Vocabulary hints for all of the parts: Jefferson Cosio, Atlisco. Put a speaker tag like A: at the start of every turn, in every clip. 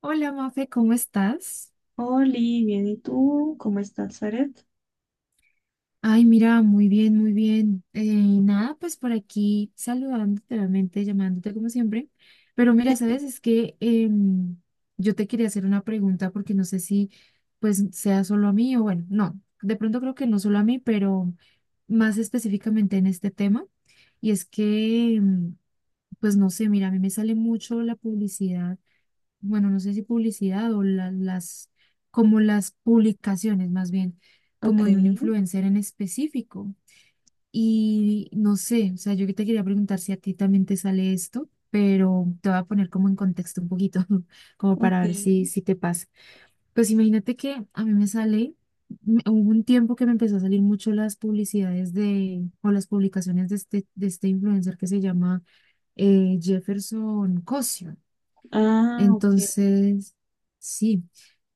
A: Hola, Mafe, ¿cómo estás?
B: Oli, bien, ¿y tú? ¿Cómo estás, Zaret?
A: Ay, mira, muy bien, muy bien. Nada, pues por aquí saludándote, obviamente, llamándote como siempre. Pero mira, sabes, es que yo te quería hacer una pregunta porque no sé si pues sea solo a mí o bueno, no, de pronto creo que no solo a mí, pero más específicamente en este tema. Y es que, pues no sé, mira, a mí me sale mucho la publicidad, bueno, no sé si publicidad o las, como las publicaciones más bien,
B: Ok,
A: como de un influencer en específico. Y no sé, o sea, yo que te quería preguntar si a ti también te sale esto, pero te voy a poner como en contexto un poquito, como para ver si,
B: ok.
A: si te pasa. Pues imagínate que a mí me sale, hubo un tiempo que me empezó a salir mucho las publicidades de, o las publicaciones de este influencer que se llama Jefferson Cosio.
B: Ah, ok.
A: Entonces, sí,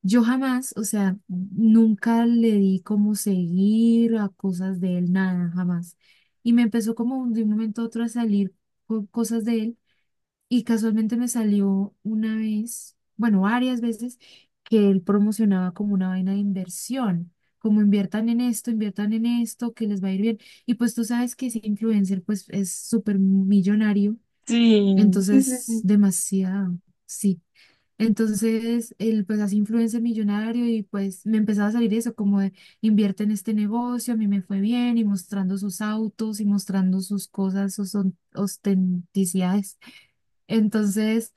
A: yo jamás, o sea, nunca le di como seguir a cosas de él, nada, jamás. Y me empezó como de un momento a otro a salir cosas de él y casualmente me salió una vez, bueno, varias veces, que él promocionaba como una vaina de inversión, como inviertan en esto, que les va a ir bien. Y pues tú sabes que ese influencer pues es súper millonario,
B: Sí, sí, sí,
A: entonces
B: sí.
A: demasiado. Sí. Entonces, él pues así influencer millonario y pues me empezaba a salir eso, como de invierte en este negocio, a mí me fue bien y mostrando sus autos y mostrando sus cosas, sus ostenticidades. Entonces,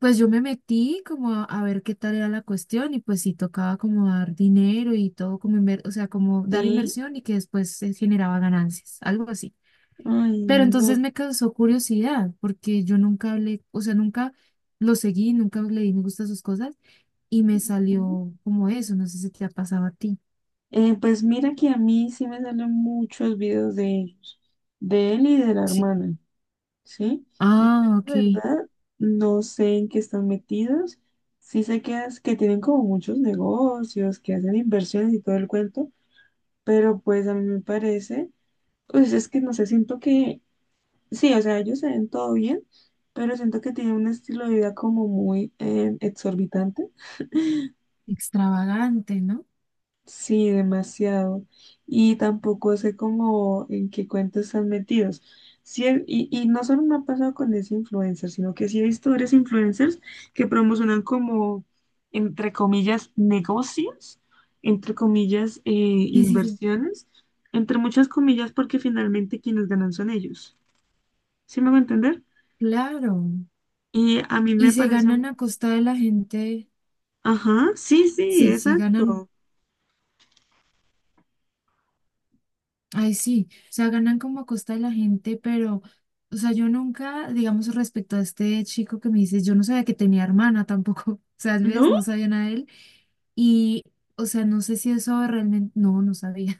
A: pues yo me metí como a ver qué tal era la cuestión y pues sí tocaba como dar dinero y todo, como o sea, como dar
B: Sí,
A: inversión y que después se generaba ganancias, algo así.
B: ay,
A: Pero entonces
B: no.
A: me causó curiosidad porque yo nunca hablé, o sea, nunca lo seguí, nunca le di me gusta a sus cosas y me salió como eso, no sé si te ha pasado a ti.
B: Pues mira que a mí sí me salen muchos videos de ellos, de él y de la
A: Sí,
B: hermana, ¿sí? Yo,
A: ah,
B: la
A: ok,
B: verdad, no sé en qué están metidos. Sí sé que, que tienen como muchos negocios, que hacen inversiones y todo el cuento, pero pues a mí me parece, pues es que no sé, siento que sí, o sea, ellos se ven todo bien, pero siento que tienen un estilo de vida como muy exorbitante.
A: extravagante, ¿no?
B: Sí, demasiado. Y tampoco sé cómo en qué cuentos están metidos. Sí, y no solo me ha pasado con ese influencer, sino que sí he visto varios influencers que promocionan como, entre comillas, negocios, entre comillas,
A: Sí, sí, sí,
B: inversiones, entre muchas comillas, porque finalmente quienes ganan son ellos. ¿Sí me va a entender?
A: claro.
B: Y a mí
A: Y
B: me
A: se
B: parece
A: ganan a costa de la gente,
B: ajá, sí, sí,
A: sí, sí, ganan,
B: exacto.
A: ay, sí, o sea, ganan como a costa de la gente, pero, o sea, yo nunca, digamos, respecto a este chico que me dices, yo no sabía que tenía hermana tampoco, o sea, ¿ves?
B: ¿No?
A: No sabía nada de él. Y, o sea, no sé si eso realmente, no, no sabía.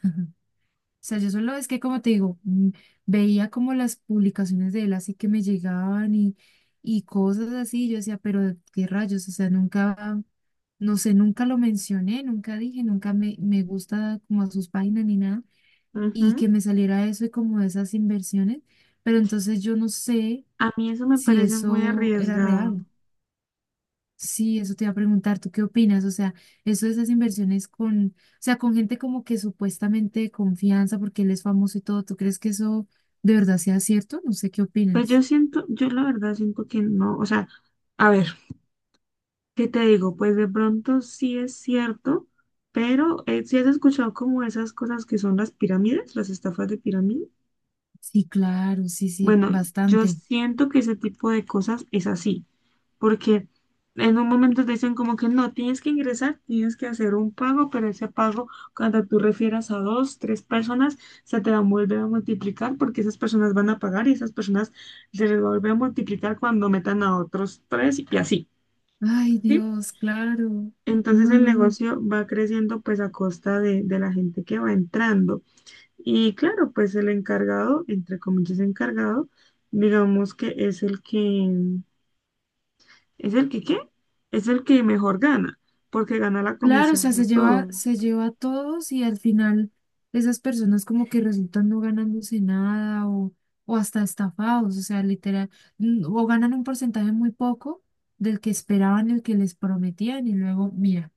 A: O sea, yo solo es que, como te digo, veía como las publicaciones de él así que me llegaban y cosas así. Yo decía, pero qué rayos, o sea, nunca, no sé, nunca lo mencioné, nunca dije, nunca me gusta como a sus páginas ni nada. Y
B: Ujú.
A: que me saliera eso y como esas inversiones. Pero entonces yo no sé
B: A mí eso me
A: si
B: parece muy
A: eso era
B: arriesgado.
A: real. Sí, eso te iba a preguntar, ¿tú qué opinas? O sea, eso de esas inversiones con, o sea, con gente como que supuestamente de confianza porque él es famoso y todo, ¿tú crees que eso de verdad sea cierto? No sé qué
B: Pues yo
A: opinas.
B: siento, yo la verdad siento que no, o sea, a ver, ¿qué te digo? Pues de pronto sí es cierto, pero si ¿sí has escuchado como esas cosas que son las pirámides, las estafas de pirámide,
A: Sí, claro, sí, sí,
B: bueno, yo
A: bastante.
B: siento que ese tipo de cosas es así. Porque en un momento te dicen como que no, tienes que ingresar, tienes que hacer un pago, pero ese pago, cuando tú refieras a dos, tres personas, se te va a volver a multiplicar porque esas personas van a pagar y esas personas se les va a volver a multiplicar cuando metan a otros tres y así,
A: Ay,
B: ¿sí?
A: Dios, claro.
B: Entonces
A: No,
B: el
A: no, no.
B: negocio va creciendo pues a costa de la gente que va entrando. Y claro, pues el encargado, entre comillas encargado, digamos que es el que es el que, ¿qué? Es el que mejor gana, porque gana la
A: Claro, o
B: comisión
A: sea,
B: de todos.
A: se lleva a todos y al final esas personas como que resultan no ganándose nada o hasta estafados, o sea, literal, o ganan un porcentaje muy poco del que esperaban, el que les prometían y luego, mira.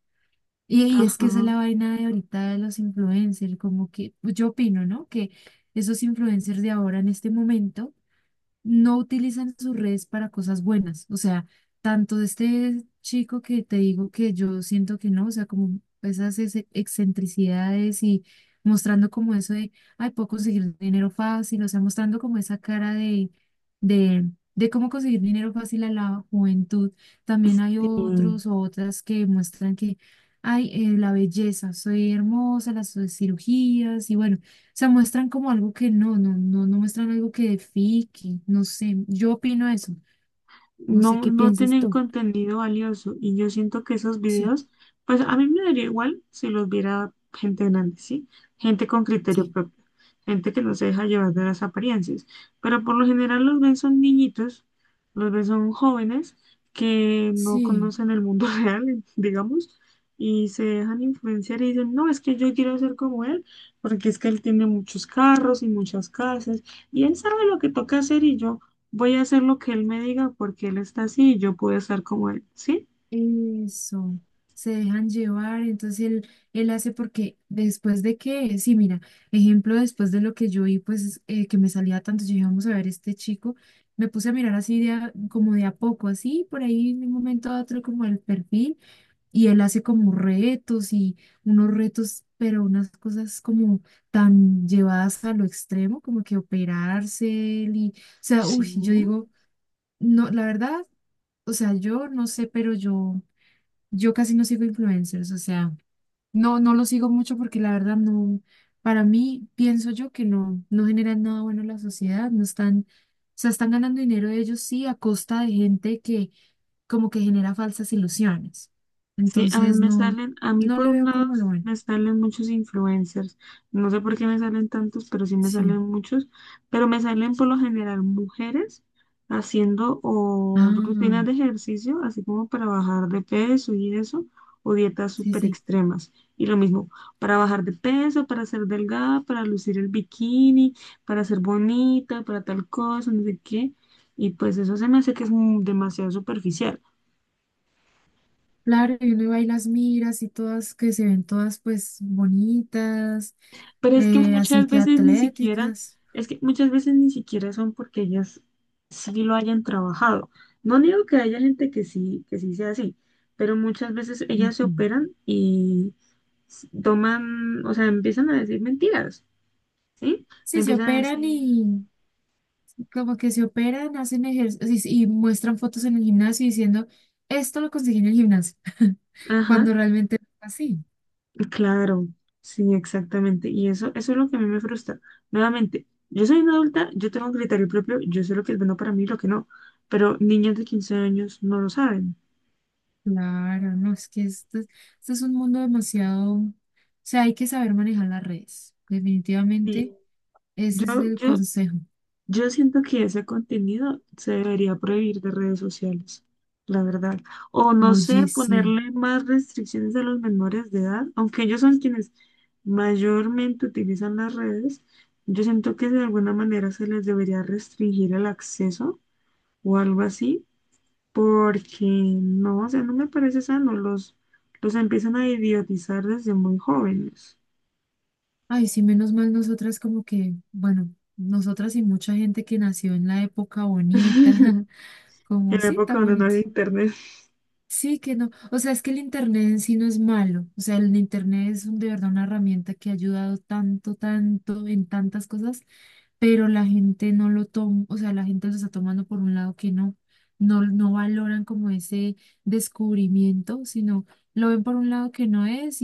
A: Y es
B: Ajá.
A: que esa es la vaina de ahorita de los influencers, como que pues, yo opino, ¿no? Que esos influencers de ahora en este momento no utilizan sus redes para cosas buenas. O sea, tanto de este chico que te digo que yo siento que no, o sea, como esas excentricidades y mostrando como eso de, ay, puedo conseguir dinero fácil, o sea, mostrando como esa cara de cómo conseguir dinero fácil a la juventud. También hay
B: Sí.
A: otros o otras que muestran que, ay, la belleza, soy hermosa, las cirugías y bueno sea, muestran como algo que no, no, no, no muestran algo que edifique, no sé, yo opino eso, no sé
B: No,
A: qué
B: no
A: piensas
B: tienen
A: tú.
B: contenido valioso y yo siento que esos
A: Sí,
B: videos, pues a mí me daría igual si los viera gente grande, ¿sí? Gente con criterio
A: sí.
B: propio, gente que no se deja llevar de las apariencias, pero por lo general los ven son niñitos, los ven son jóvenes que no
A: Sí,
B: conocen el mundo real, digamos. Y se dejan influenciar y dicen, no, es que yo quiero ser como él, porque es que él tiene muchos carros y muchas casas, y él sabe lo que toca hacer y yo voy a hacer lo que él me diga porque él está así y yo puedo estar como él, ¿sí?
A: eso. Se dejan llevar, entonces él hace porque después de que, sí, mira, ejemplo, después de lo que yo vi, pues que me salía tanto, yo dije, vamos a ver este chico, me puse a mirar así de como de a poco, así, por ahí en un momento a otro como el perfil. Y él hace como retos y unos retos, pero unas cosas como tan llevadas a lo extremo, como que operarse él y, o sea, uy,
B: Sí.
A: yo digo, no, la verdad, o sea, yo no sé, pero yo casi no sigo influencers, o sea, no, no lo sigo mucho porque la verdad no, para mí pienso yo que no, no generan nada bueno en la sociedad, no están, o sea, están ganando dinero ellos sí a costa de gente que como que genera falsas ilusiones.
B: Sí, a mí
A: Entonces
B: me
A: no,
B: salen, a mí
A: no
B: por
A: le
B: un
A: veo
B: lado
A: como lo bueno.
B: me salen muchos influencers. No sé por qué me salen tantos, pero sí me
A: Sí.
B: salen muchos. Pero me salen por lo general mujeres haciendo o rutinas
A: Ah,
B: de ejercicio, así como para bajar de peso y eso, o dietas
A: sí,
B: súper
A: sí.
B: extremas. Y lo mismo, para bajar de peso, para ser delgada, para lucir el bikini, para ser bonita, para tal cosa, no sé qué. Y pues eso se me hace que es demasiado superficial.
A: Claro, y uno iba y las miras y todas que se ven todas pues bonitas,
B: Pero es que
A: así
B: muchas
A: que
B: veces ni siquiera,
A: atléticas.
B: es que muchas veces ni siquiera son porque ellas sí lo hayan trabajado. No digo que haya gente que sí sea así, pero muchas veces ellas se
A: Ujú.
B: operan y toman, o sea, empiezan a decir mentiras, ¿sí?
A: Sí, se
B: Empiezan a
A: operan
B: decir,
A: y como que se operan, hacen ejercicios y muestran fotos en el gimnasio diciendo, esto lo conseguí en el gimnasio,
B: ajá,
A: cuando realmente no es así.
B: claro, sí, exactamente. Y eso es lo que a mí me frustra. Nuevamente, yo soy una adulta, yo tengo un criterio propio, yo sé lo que es bueno para mí y lo que no, pero niñas de 15 años no lo saben.
A: Claro, no, es que esto, esto es un mundo demasiado, o sea, hay que saber manejar las redes, definitivamente, ese
B: Yo,
A: es el
B: yo,
A: consejo.
B: yo siento que ese contenido se debería prohibir de redes sociales, la verdad. O no sé,
A: Oye, sí,
B: ponerle más restricciones a los menores de edad, aunque ellos son quienes mayormente utilizan las redes, yo siento que de alguna manera se les debería restringir el acceso o algo así, porque no, o sea, no me parece sano, los empiezan a idiotizar desde muy jóvenes,
A: ay, sí, menos mal nosotras como que, bueno, nosotras y mucha gente que nació en la época bonita,
B: en
A: como
B: la
A: sí,
B: época
A: tan
B: donde no
A: bonito.
B: había internet.
A: Sí, que no. O sea, es que el Internet en sí no es malo. O sea, el Internet es de verdad una herramienta que ha ayudado tanto, tanto en tantas cosas, pero la gente no lo toma, o sea, la gente lo está tomando por un lado que no, no, no valoran como ese descubrimiento, sino lo ven por un lado que no es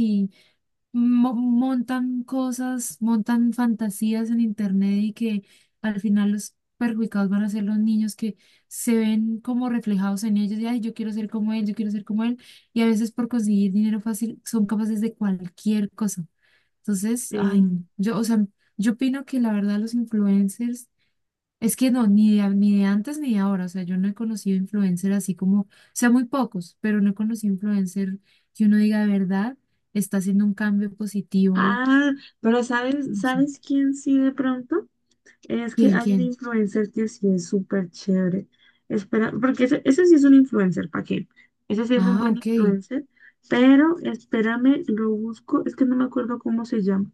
A: montan cosas, montan fantasías en internet y que al final los perjudicados van a ser los niños que se ven como reflejados en ellos y ay, yo quiero ser como él, yo quiero ser como él, y a veces por conseguir dinero fácil son capaces de cualquier cosa. Entonces, ay,
B: Sí.
A: no. Yo, o sea, yo opino que la verdad los influencers es que no, ni de, ni de antes ni de ahora, o sea, yo no he conocido influencer así como, o sea, muy pocos, pero no he conocido influencer que uno diga de verdad, está haciendo un cambio positivo,
B: Ah, pero ¿sabes,
A: no sé.
B: sabes quién sí de pronto? Es que
A: ¿Quién,
B: hay un
A: quién?
B: influencer que sí es súper chévere. Espera, porque ese sí es un influencer, ¿para qué? Ese sí es un
A: Ah,
B: buen
A: ok.
B: influencer, pero espérame, lo busco, es que no me acuerdo cómo se llama.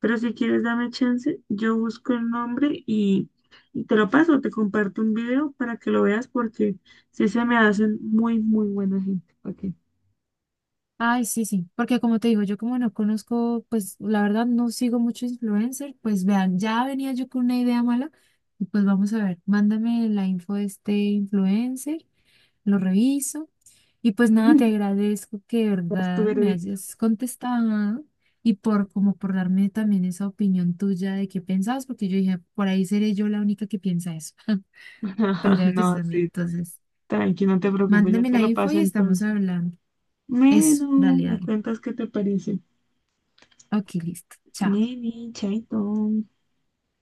B: Pero si quieres, dame chance, yo busco el nombre y te lo paso, te comparto un video para que lo veas porque sí se me hacen muy, muy buena gente. Ok.
A: Ay, sí, sí, porque como te digo, yo como no conozco, pues la verdad no sigo mucho influencer, pues vean, ya venía yo con una idea mala y pues vamos a ver, mándame la info de este influencer, lo reviso. Y pues nada, te agradezco que de
B: Haz tu
A: verdad me
B: veredicto.
A: hayas contestado y por como por darme también esa opinión tuya de qué pensabas, porque yo dije, por ahí seré yo la única que piensa eso. Pero ya veo que sí
B: No,
A: también.
B: sí.
A: Entonces,
B: Tranqui, no te preocupes, ya
A: mándame
B: te
A: la
B: lo
A: info
B: paso
A: y estamos
B: entonces.
A: hablando. Eso,
B: Bueno,
A: dale,
B: me
A: dale.
B: cuentas qué te parece.
A: Ok, listo. Chao.
B: Neni, chaito.